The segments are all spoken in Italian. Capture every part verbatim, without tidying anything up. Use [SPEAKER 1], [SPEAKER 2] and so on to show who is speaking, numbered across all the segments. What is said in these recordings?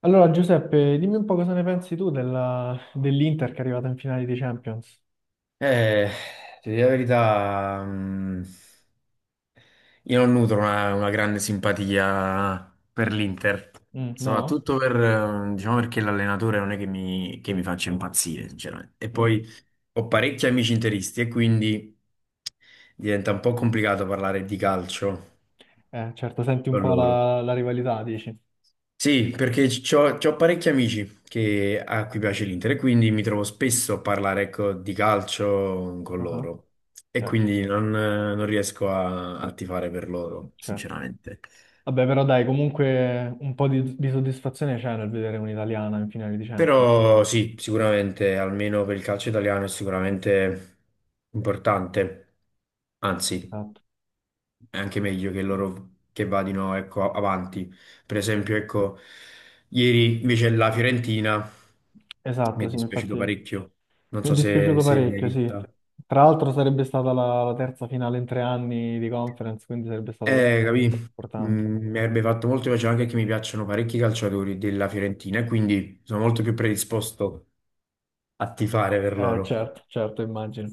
[SPEAKER 1] Allora, Giuseppe, dimmi un po' cosa ne pensi tu della- dell'Inter che è arrivata in finale di Champions.
[SPEAKER 2] Eh, Ti dico la verità, mm, io non nutro una, una grande simpatia per l'Inter,
[SPEAKER 1] Mm, no?
[SPEAKER 2] soprattutto per, eh, diciamo, perché l'allenatore non è che mi, che mi faccia impazzire, sinceramente. E
[SPEAKER 1] Mm.
[SPEAKER 2] poi ho parecchi amici interisti e quindi diventa un po' complicato parlare di calcio
[SPEAKER 1] Eh, certo, senti un
[SPEAKER 2] con
[SPEAKER 1] po'
[SPEAKER 2] loro.
[SPEAKER 1] la, la rivalità, dici.
[SPEAKER 2] Sì, perché c'ho, c'ho parecchi amici che, a cui piace l'Inter, e quindi mi trovo spesso a parlare, ecco, di calcio con
[SPEAKER 1] Ah,
[SPEAKER 2] loro, e
[SPEAKER 1] certo,
[SPEAKER 2] quindi non, non riesco a, a tifare per loro,
[SPEAKER 1] certo.
[SPEAKER 2] sinceramente.
[SPEAKER 1] Vabbè, però dai, comunque un po' di, di soddisfazione c'è nel vedere un'italiana in finale di Champions. Eh,
[SPEAKER 2] Però sì, sicuramente, almeno per il calcio italiano è sicuramente importante, anzi,
[SPEAKER 1] Esatto.
[SPEAKER 2] è anche meglio che loro che vadino, ecco, avanti. Per esempio, ecco, ieri invece la Fiorentina. Mi
[SPEAKER 1] Esatto,
[SPEAKER 2] è
[SPEAKER 1] sì, infatti
[SPEAKER 2] dispiaciuto parecchio. Non
[SPEAKER 1] mi è
[SPEAKER 2] so se,
[SPEAKER 1] dispiaciuto
[SPEAKER 2] se l'hai
[SPEAKER 1] parecchio, sì.
[SPEAKER 2] vista.
[SPEAKER 1] Tra l'altro sarebbe stata la, la terza finale in tre anni di conference, quindi sarebbe stato comunque
[SPEAKER 2] Eh, capì?
[SPEAKER 1] importante.
[SPEAKER 2] Mm, Mi avrebbe fatto molto piacere, anche che mi piacciono parecchi calciatori della Fiorentina e quindi sono molto più predisposto a tifare per
[SPEAKER 1] Eh,
[SPEAKER 2] loro.
[SPEAKER 1] certo, certo, immagino.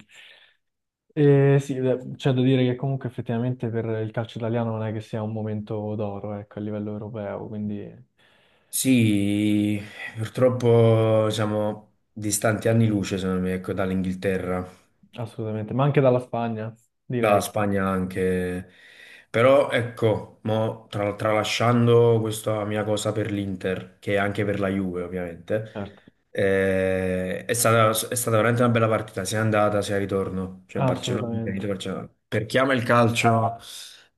[SPEAKER 1] E sì, beh, c'è da dire che comunque effettivamente per il calcio italiano non è che sia un momento d'oro, ecco, a livello europeo, quindi
[SPEAKER 2] Sì, purtroppo siamo distanti anni luce, secondo me, ecco, dall'Inghilterra.
[SPEAKER 1] assolutamente, ma anche dalla Spagna,
[SPEAKER 2] Dalla
[SPEAKER 1] direi,
[SPEAKER 2] Spagna anche. Però ecco, mo, tra- tralasciando questa mia cosa per l'Inter, che è anche per la Juve ovviamente,
[SPEAKER 1] certo,
[SPEAKER 2] eh, è stata, è stata veramente una bella partita, sia andata sia ritorno. Cioè Barcellona, Inter, Inter,
[SPEAKER 1] assolutamente.
[SPEAKER 2] Barcellona. Per chi ama il calcio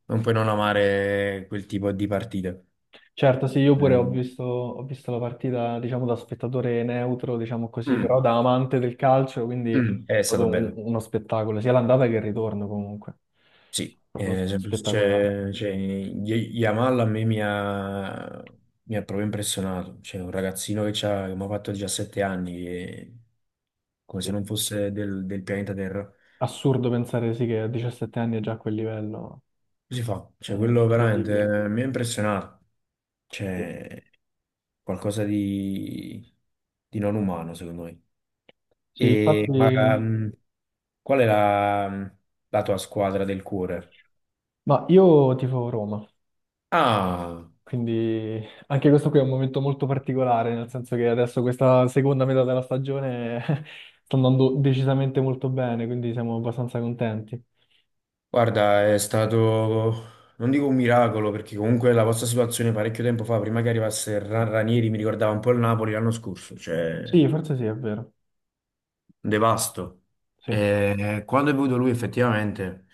[SPEAKER 2] non puoi non amare quel tipo di partite.
[SPEAKER 1] Certo, sì, io pure ho
[SPEAKER 2] Mm,
[SPEAKER 1] visto, ho visto la partita, diciamo, da spettatore neutro, diciamo così, però
[SPEAKER 2] mm,
[SPEAKER 1] da amante del calcio, quindi è
[SPEAKER 2] mm, È
[SPEAKER 1] stato
[SPEAKER 2] stato
[SPEAKER 1] un-
[SPEAKER 2] bello.
[SPEAKER 1] uno spettacolo, sia l'andata che il ritorno comunque,
[SPEAKER 2] Sì,
[SPEAKER 1] proprio
[SPEAKER 2] eh, sempre-
[SPEAKER 1] spettacolare.
[SPEAKER 2] c'è c'è- Y- Yamal a me mi ha, mi ha proprio impressionato. C'è un ragazzino che c'ha- che mi ha fatto diciassette anni, e come se
[SPEAKER 1] Sì.
[SPEAKER 2] non fosse del, del pianeta Terra. Come
[SPEAKER 1] Assurdo pensare sì che a diciassette anni è già a quel livello,
[SPEAKER 2] si fa?
[SPEAKER 1] è
[SPEAKER 2] Cioè, quello veramente,
[SPEAKER 1] incredibile.
[SPEAKER 2] eh, mi ha impressionato.
[SPEAKER 1] Sì.
[SPEAKER 2] C'è qualcosa di, di non umano, secondo me.
[SPEAKER 1] Sì,
[SPEAKER 2] E, ma
[SPEAKER 1] infatti,
[SPEAKER 2] mm, qual è la, la tua squadra del cuore?
[SPEAKER 1] ma io tifo Roma,
[SPEAKER 2] Ah!
[SPEAKER 1] quindi anche questo qui è un momento molto particolare, nel senso che adesso questa seconda metà della stagione sta andando decisamente molto bene, quindi siamo abbastanza contenti.
[SPEAKER 2] Guarda, è stato, non dico un miracolo, perché comunque la vostra situazione parecchio tempo fa, prima che arrivasse Ra- Ranieri, mi ricordava un po' il Napoli l'anno scorso, cioè
[SPEAKER 1] Sì,
[SPEAKER 2] un
[SPEAKER 1] forse sì, è vero.
[SPEAKER 2] devasto.
[SPEAKER 1] Sì.
[SPEAKER 2] E quando è venuto lui effettivamente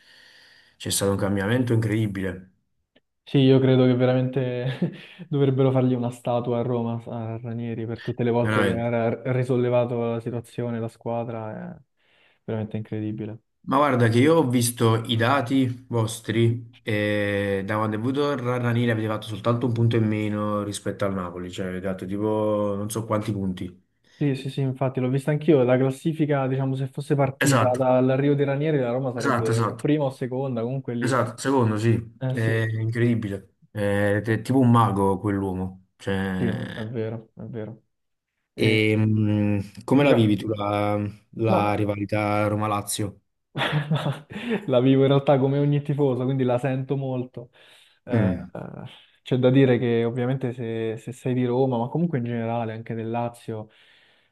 [SPEAKER 2] c'è stato un cambiamento incredibile,
[SPEAKER 1] Sì, io credo che veramente dovrebbero fargli una statua a Roma, a Ranieri, per tutte le volte che
[SPEAKER 2] veramente.
[SPEAKER 1] ha risollevato la situazione, la squadra, è veramente incredibile.
[SPEAKER 2] Ma guarda che io ho visto i dati vostri, e da quando è venuto Ra- Ranieri avete fatto soltanto un punto in meno rispetto al Napoli, cioè avete fatto tipo non so quanti punti.
[SPEAKER 1] Sì, sì, sì, infatti l'ho vista anch'io, la classifica, diciamo, se fosse partita
[SPEAKER 2] Esatto,
[SPEAKER 1] dall'arrivo di Ranieri, la Roma
[SPEAKER 2] esatto,
[SPEAKER 1] sarebbe o
[SPEAKER 2] esatto.
[SPEAKER 1] prima o seconda, comunque lì.
[SPEAKER 2] Esatto, secondo sì,
[SPEAKER 1] Eh
[SPEAKER 2] è
[SPEAKER 1] sì,
[SPEAKER 2] incredibile. È,
[SPEAKER 1] sì,
[SPEAKER 2] è tipo un mago quell'uomo.
[SPEAKER 1] sì, è
[SPEAKER 2] Cioè,
[SPEAKER 1] vero, è vero. E,
[SPEAKER 2] e, mh, come la vivi
[SPEAKER 1] diciamo,
[SPEAKER 2] tu la,
[SPEAKER 1] ma
[SPEAKER 2] la rivalità Roma-Lazio?
[SPEAKER 1] la vivo in realtà come ogni tifoso, quindi la sento molto. Eh,
[SPEAKER 2] Mm,
[SPEAKER 1] eh, c'è da dire che ovviamente se, se sei di Roma, ma comunque in generale anche del Lazio,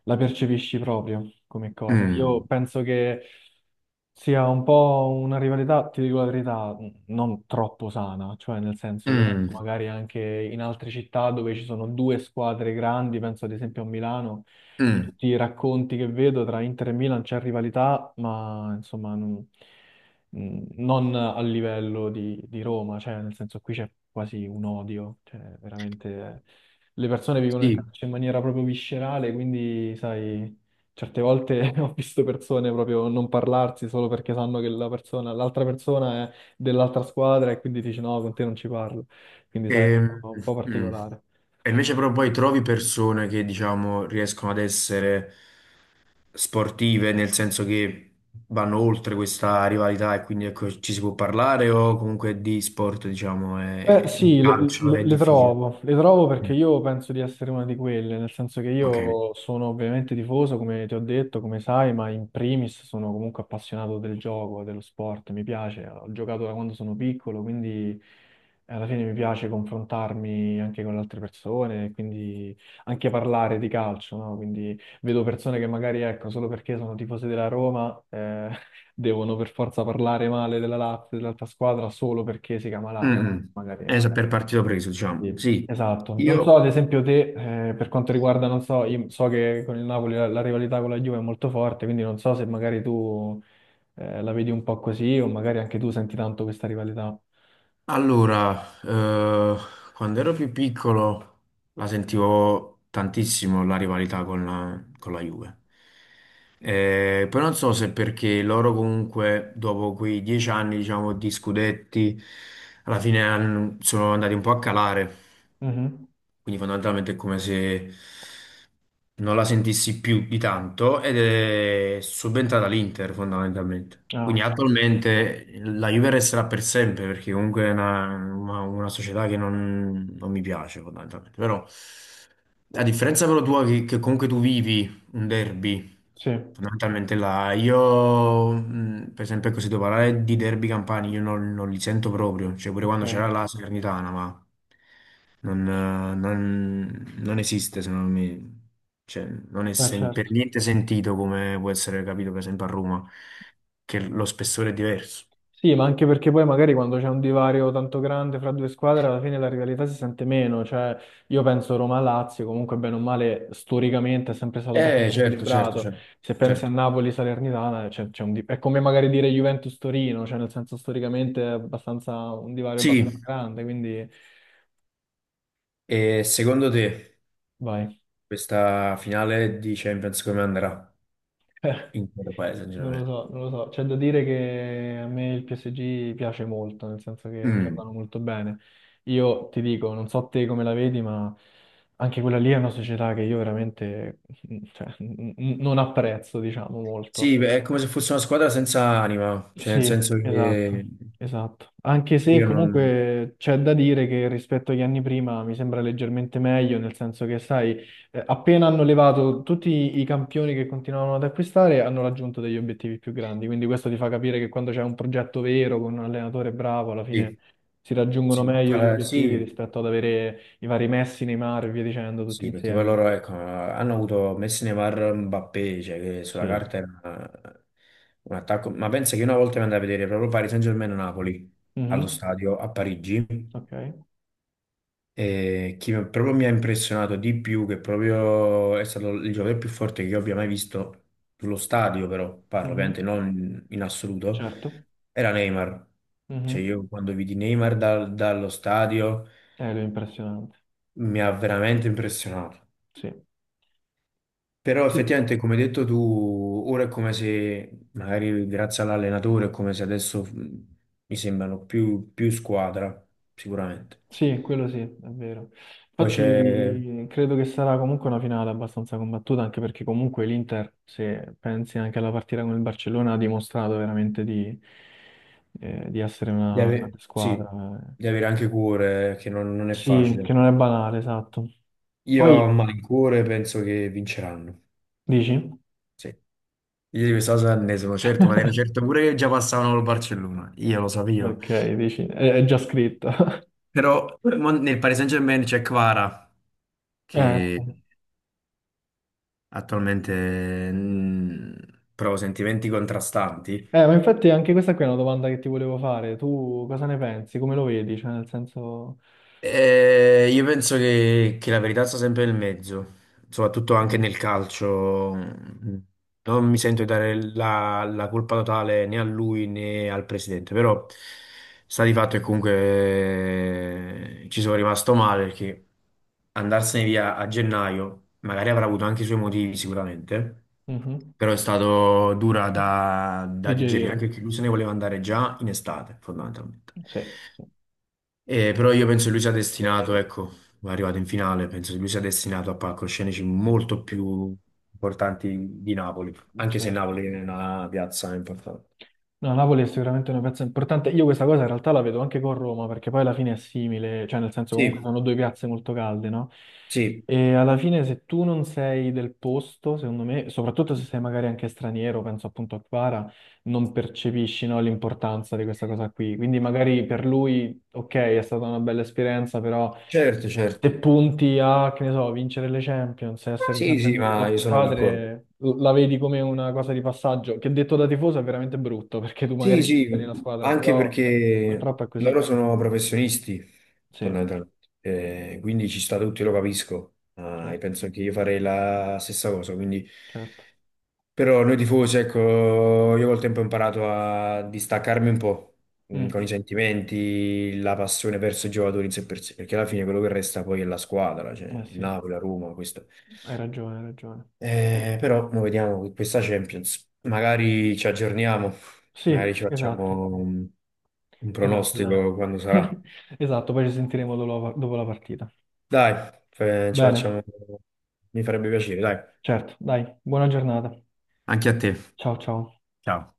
[SPEAKER 1] la percepisci proprio come cosa. Io
[SPEAKER 2] mm,
[SPEAKER 1] penso che sia un po' una rivalità, ti dico la verità, n- non troppo sana, cioè nel senso io
[SPEAKER 2] mm,
[SPEAKER 1] magari anche in altre città dove ci sono due squadre grandi, penso ad esempio a Milano, da
[SPEAKER 2] mm.
[SPEAKER 1] tutti i racconti che vedo tra Inter e Milan c'è rivalità, ma insomma non, mm, non a livello di, di Roma, cioè nel senso qui c'è quasi un odio, cioè veramente le persone vivono il
[SPEAKER 2] Sì,
[SPEAKER 1] calcio in maniera proprio viscerale, quindi sai, certe volte ho visto persone proprio non parlarsi solo perché sanno che la persona, l'altra persona è dell'altra squadra e quindi dici no, con te non ci parlo, quindi sai, è un
[SPEAKER 2] e,
[SPEAKER 1] po' un po'
[SPEAKER 2] mm.
[SPEAKER 1] particolare.
[SPEAKER 2] E invece però poi trovi persone che diciamo riescono ad essere sportive, nel senso che vanno oltre questa rivalità, e quindi, ecco, ci si può parlare, o comunque di sport, diciamo,
[SPEAKER 1] Beh,
[SPEAKER 2] è- di
[SPEAKER 1] sì, le,
[SPEAKER 2] calcio
[SPEAKER 1] le-
[SPEAKER 2] è
[SPEAKER 1] le
[SPEAKER 2] difficile.
[SPEAKER 1] trovo, le trovo perché
[SPEAKER 2] Mm.
[SPEAKER 1] io penso di essere una di quelle, nel senso che
[SPEAKER 2] Ok.
[SPEAKER 1] io sono ovviamente tifoso, come ti ho detto, come sai, ma in primis sono comunque appassionato del gioco, dello sport, mi piace, ho giocato da quando sono piccolo, quindi alla fine mi piace confrontarmi anche con le altre persone, quindi anche parlare di calcio, no? Quindi vedo persone che magari, ecco, solo perché sono tifose della Roma, eh, devono per forza parlare male della Lazio, dell'altra squadra, solo perché si chiama Lazio,
[SPEAKER 2] Mm, mm.
[SPEAKER 1] magari.
[SPEAKER 2] Eh, sa- per partito preso, diciamo.
[SPEAKER 1] Sì.
[SPEAKER 2] Sì,
[SPEAKER 1] Esatto. Non so,
[SPEAKER 2] io
[SPEAKER 1] ad esempio, te, eh, per quanto riguarda, non so, io so che con il Napoli la, la rivalità con la Juve è molto forte, quindi non so se magari tu eh, la vedi un po' così o magari anche tu senti tanto questa rivalità.
[SPEAKER 2] allora, eh, quando ero più piccolo la sentivo tantissimo la rivalità con la, con la Juve. Eh, poi non so se perché loro comunque, dopo quei dieci anni, diciamo, di scudetti, alla fine han- sono andati un po' a calare,
[SPEAKER 1] Mhm.
[SPEAKER 2] quindi fondamentalmente è come se non la sentissi più di tanto, ed è subentrata all'Inter fondamentalmente.
[SPEAKER 1] Ah,
[SPEAKER 2] Quindi attualmente la Juve resterà per sempre perché comunque è una, una- una società che non, non mi piace fondamentalmente. Però a differenza però tua che, che comunque tu vivi un derby.
[SPEAKER 1] sì,
[SPEAKER 2] Fondamentalmente là, io, mh, per esempio, così devo parlare di derby campani, io non, non li sento proprio, cioè pure quando
[SPEAKER 1] ok.
[SPEAKER 2] c'era la Salernitana, ma non, eh, non- non esiste secondo me, cioè non è
[SPEAKER 1] Eh,
[SPEAKER 2] sen-
[SPEAKER 1] certo.
[SPEAKER 2] per niente sentito, come può essere capito per esempio a Roma, che lo spessore è diverso.
[SPEAKER 1] Sì, ma anche perché poi magari quando c'è un divario tanto grande fra due squadre, alla fine la rivalità si sente meno. Cioè, io penso Roma-Lazio, comunque bene o male, storicamente è sempre stato
[SPEAKER 2] Eh
[SPEAKER 1] abbastanza
[SPEAKER 2] certo, certo,
[SPEAKER 1] equilibrato.
[SPEAKER 2] certo,
[SPEAKER 1] Se pensi a
[SPEAKER 2] certo.
[SPEAKER 1] Napoli-Salernitana, c'è- c'è un di- è come magari dire Juventus-Torino, cioè nel senso storicamente è abbastanza un divario
[SPEAKER 2] Sì,
[SPEAKER 1] abbastanza grande, quindi
[SPEAKER 2] e secondo te
[SPEAKER 1] vai.
[SPEAKER 2] questa finale di Champions come andrà, in quale paese,
[SPEAKER 1] Non lo
[SPEAKER 2] sinceramente?
[SPEAKER 1] so, non lo so. C'è da dire che a me il P S G piace molto, nel senso che
[SPEAKER 2] Mm.
[SPEAKER 1] giocano molto bene. Io ti dico, non so te come la vedi, ma anche quella lì è una società che io veramente, cioè, n- n- non apprezzo, diciamo, molto.
[SPEAKER 2] Sì, beh, è come se fosse una squadra senza anima, cioè nel
[SPEAKER 1] Sì,
[SPEAKER 2] senso che
[SPEAKER 1] esatto, esatto. Anche se
[SPEAKER 2] io non...
[SPEAKER 1] comunque c'è da dire che rispetto agli anni prima mi sembra leggermente meglio, nel senso che, sai, eh, appena hanno levato tutti i campioni che continuavano ad acquistare, hanno raggiunto degli obiettivi più grandi. Quindi questo ti fa capire che quando c'è un progetto vero, con un allenatore bravo, alla fine
[SPEAKER 2] Sì,
[SPEAKER 1] si raggiungono
[SPEAKER 2] sì,
[SPEAKER 1] meglio gli
[SPEAKER 2] fa-
[SPEAKER 1] obiettivi
[SPEAKER 2] sì,
[SPEAKER 1] rispetto ad avere i vari Messi, Neymar e via dicendo tutti
[SPEAKER 2] sì, perché poi
[SPEAKER 1] insieme.
[SPEAKER 2] loro, ecco, hanno avuto Messi, Neymar, Mbappé, cioè che sulla
[SPEAKER 1] Sì.
[SPEAKER 2] carta era un attacco, ma pensa che una volta mi andai a vedere proprio Paris Saint-Germain-Napoli allo
[SPEAKER 1] Mhm.
[SPEAKER 2] stadio a Parigi.
[SPEAKER 1] Ok.
[SPEAKER 2] E chi mi- proprio mi ha impressionato di più, che proprio è stato il giocatore più forte che io abbia mai visto sullo stadio, però parlo ovviamente
[SPEAKER 1] Mhm.
[SPEAKER 2] non in assoluto,
[SPEAKER 1] Certo.
[SPEAKER 2] era Neymar. Cioè
[SPEAKER 1] Mhm.
[SPEAKER 2] io quando vidi Neymar dal- dallo stadio
[SPEAKER 1] Eh, lui è impressionante.
[SPEAKER 2] mi ha veramente impressionato.
[SPEAKER 1] Sì,
[SPEAKER 2] Però
[SPEAKER 1] sì.
[SPEAKER 2] effettivamente, come hai detto tu, ora è come se, magari grazie all'allenatore, è come se adesso, mh, mi sembrano più, più squadra, sicuramente.
[SPEAKER 1] sì, quello sì, è vero.
[SPEAKER 2] Poi c'è
[SPEAKER 1] Infatti credo che sarà comunque una finale abbastanza combattuta, anche perché comunque l'Inter, se pensi anche alla partita con il Barcellona, ha dimostrato veramente di, eh, di essere
[SPEAKER 2] di
[SPEAKER 1] una grande
[SPEAKER 2] ave-
[SPEAKER 1] squadra.
[SPEAKER 2] sì, di
[SPEAKER 1] Eh.
[SPEAKER 2] avere anche cuore, che non, non è
[SPEAKER 1] Sì,
[SPEAKER 2] facile.
[SPEAKER 1] che non è banale, esatto.
[SPEAKER 2] Io
[SPEAKER 1] Poi
[SPEAKER 2] a cuore penso che vinceranno.
[SPEAKER 1] dici?
[SPEAKER 2] Sì. Io di questa cosa ne sono certo, ma ne ero certo pure che già passavano col Barcellona. Io lo sapevo.
[SPEAKER 1] Ok, dici, è, è già scritto.
[SPEAKER 2] Però mo- nel Paris Saint-Germain c'è Kvara,
[SPEAKER 1] Eh,
[SPEAKER 2] che attualmente, mm, prova sentimenti contrastanti.
[SPEAKER 1] eh, ma infatti anche questa qui è una domanda che ti volevo fare. Tu cosa ne pensi? Come lo vedi? Cioè, nel senso...
[SPEAKER 2] Eh, io penso che, che la verità sta sempre nel mezzo, soprattutto anche
[SPEAKER 1] Ok.
[SPEAKER 2] nel calcio. Non mi sento di dare la, la colpa totale né a lui né al presidente, però sta di fatto che comunque, eh, ci sono rimasto male perché andarsene via a gennaio magari avrà avuto anche i suoi motivi sicuramente,
[SPEAKER 1] Mhm.
[SPEAKER 2] però è stato dura da, da digerire,
[SPEAKER 1] Digerire,
[SPEAKER 2] anche perché lui se ne voleva andare già in estate, fondamentalmente.
[SPEAKER 1] sì, sì,
[SPEAKER 2] Eh, però io penso che lui sia destinato, ecco, è arrivato in finale, penso che lui sia destinato a palcoscenici molto più importanti di Napoli, anche se
[SPEAKER 1] certo.
[SPEAKER 2] Napoli è una piazza importante.
[SPEAKER 1] No, Napoli è sicuramente una piazza importante. Io questa cosa in realtà la vedo anche con Roma, perché poi alla fine è simile, cioè nel senso comunque
[SPEAKER 2] Sì,
[SPEAKER 1] sono due piazze molto calde, no?
[SPEAKER 2] sì,
[SPEAKER 1] E alla fine se tu non sei del posto, secondo me, soprattutto se sei magari anche straniero, penso appunto a Quara, non percepisci, no, l'importanza di questa cosa qui. Quindi magari per lui, ok, è stata una bella esperienza, però...
[SPEAKER 2] certo, certo.
[SPEAKER 1] se punti a, che ne so, vincere le Champions, essere
[SPEAKER 2] Sì,
[SPEAKER 1] sempre
[SPEAKER 2] sì,
[SPEAKER 1] nelle
[SPEAKER 2] ma
[SPEAKER 1] top
[SPEAKER 2] io sono d'accordo.
[SPEAKER 1] squadre, l- la vedi come una cosa di passaggio, che detto da tifoso è veramente brutto, perché tu magari
[SPEAKER 2] Sì, sì,
[SPEAKER 1] scegli una squadra,
[SPEAKER 2] anche
[SPEAKER 1] però
[SPEAKER 2] perché
[SPEAKER 1] purtroppo è così.
[SPEAKER 2] loro sono professionisti,
[SPEAKER 1] Sì,
[SPEAKER 2] fondamentalmente. Eh, quindi ci sta tutto, io lo capisco. Ah, e
[SPEAKER 1] certo,
[SPEAKER 2] penso che io farei la stessa cosa, quindi...
[SPEAKER 1] certo.
[SPEAKER 2] Però noi tifosi, ecco, io col tempo ho imparato a distaccarmi un po', mh, con
[SPEAKER 1] Mm,
[SPEAKER 2] i sentimenti, la passione verso i giocatori in sé per sé, perché alla fine quello che resta poi è la squadra, cioè
[SPEAKER 1] eh
[SPEAKER 2] il
[SPEAKER 1] sì,
[SPEAKER 2] Napoli, la Roma, questo.
[SPEAKER 1] hai ragione, hai ragione.
[SPEAKER 2] Eh, però noi vediamo che questa Champions, magari ci aggiorniamo, magari
[SPEAKER 1] Sì,
[SPEAKER 2] ci
[SPEAKER 1] esatto,
[SPEAKER 2] facciamo un, un
[SPEAKER 1] esatto,
[SPEAKER 2] pronostico
[SPEAKER 1] dai.
[SPEAKER 2] quando sarà.
[SPEAKER 1] Esatto, poi ci sentiremo dopo la dopo la partita.
[SPEAKER 2] Dai, eh, ci facciamo,
[SPEAKER 1] Bene,
[SPEAKER 2] mi farebbe piacere, dai.
[SPEAKER 1] certo, dai, buona giornata.
[SPEAKER 2] Anche a te.
[SPEAKER 1] Ciao, ciao.
[SPEAKER 2] Ciao.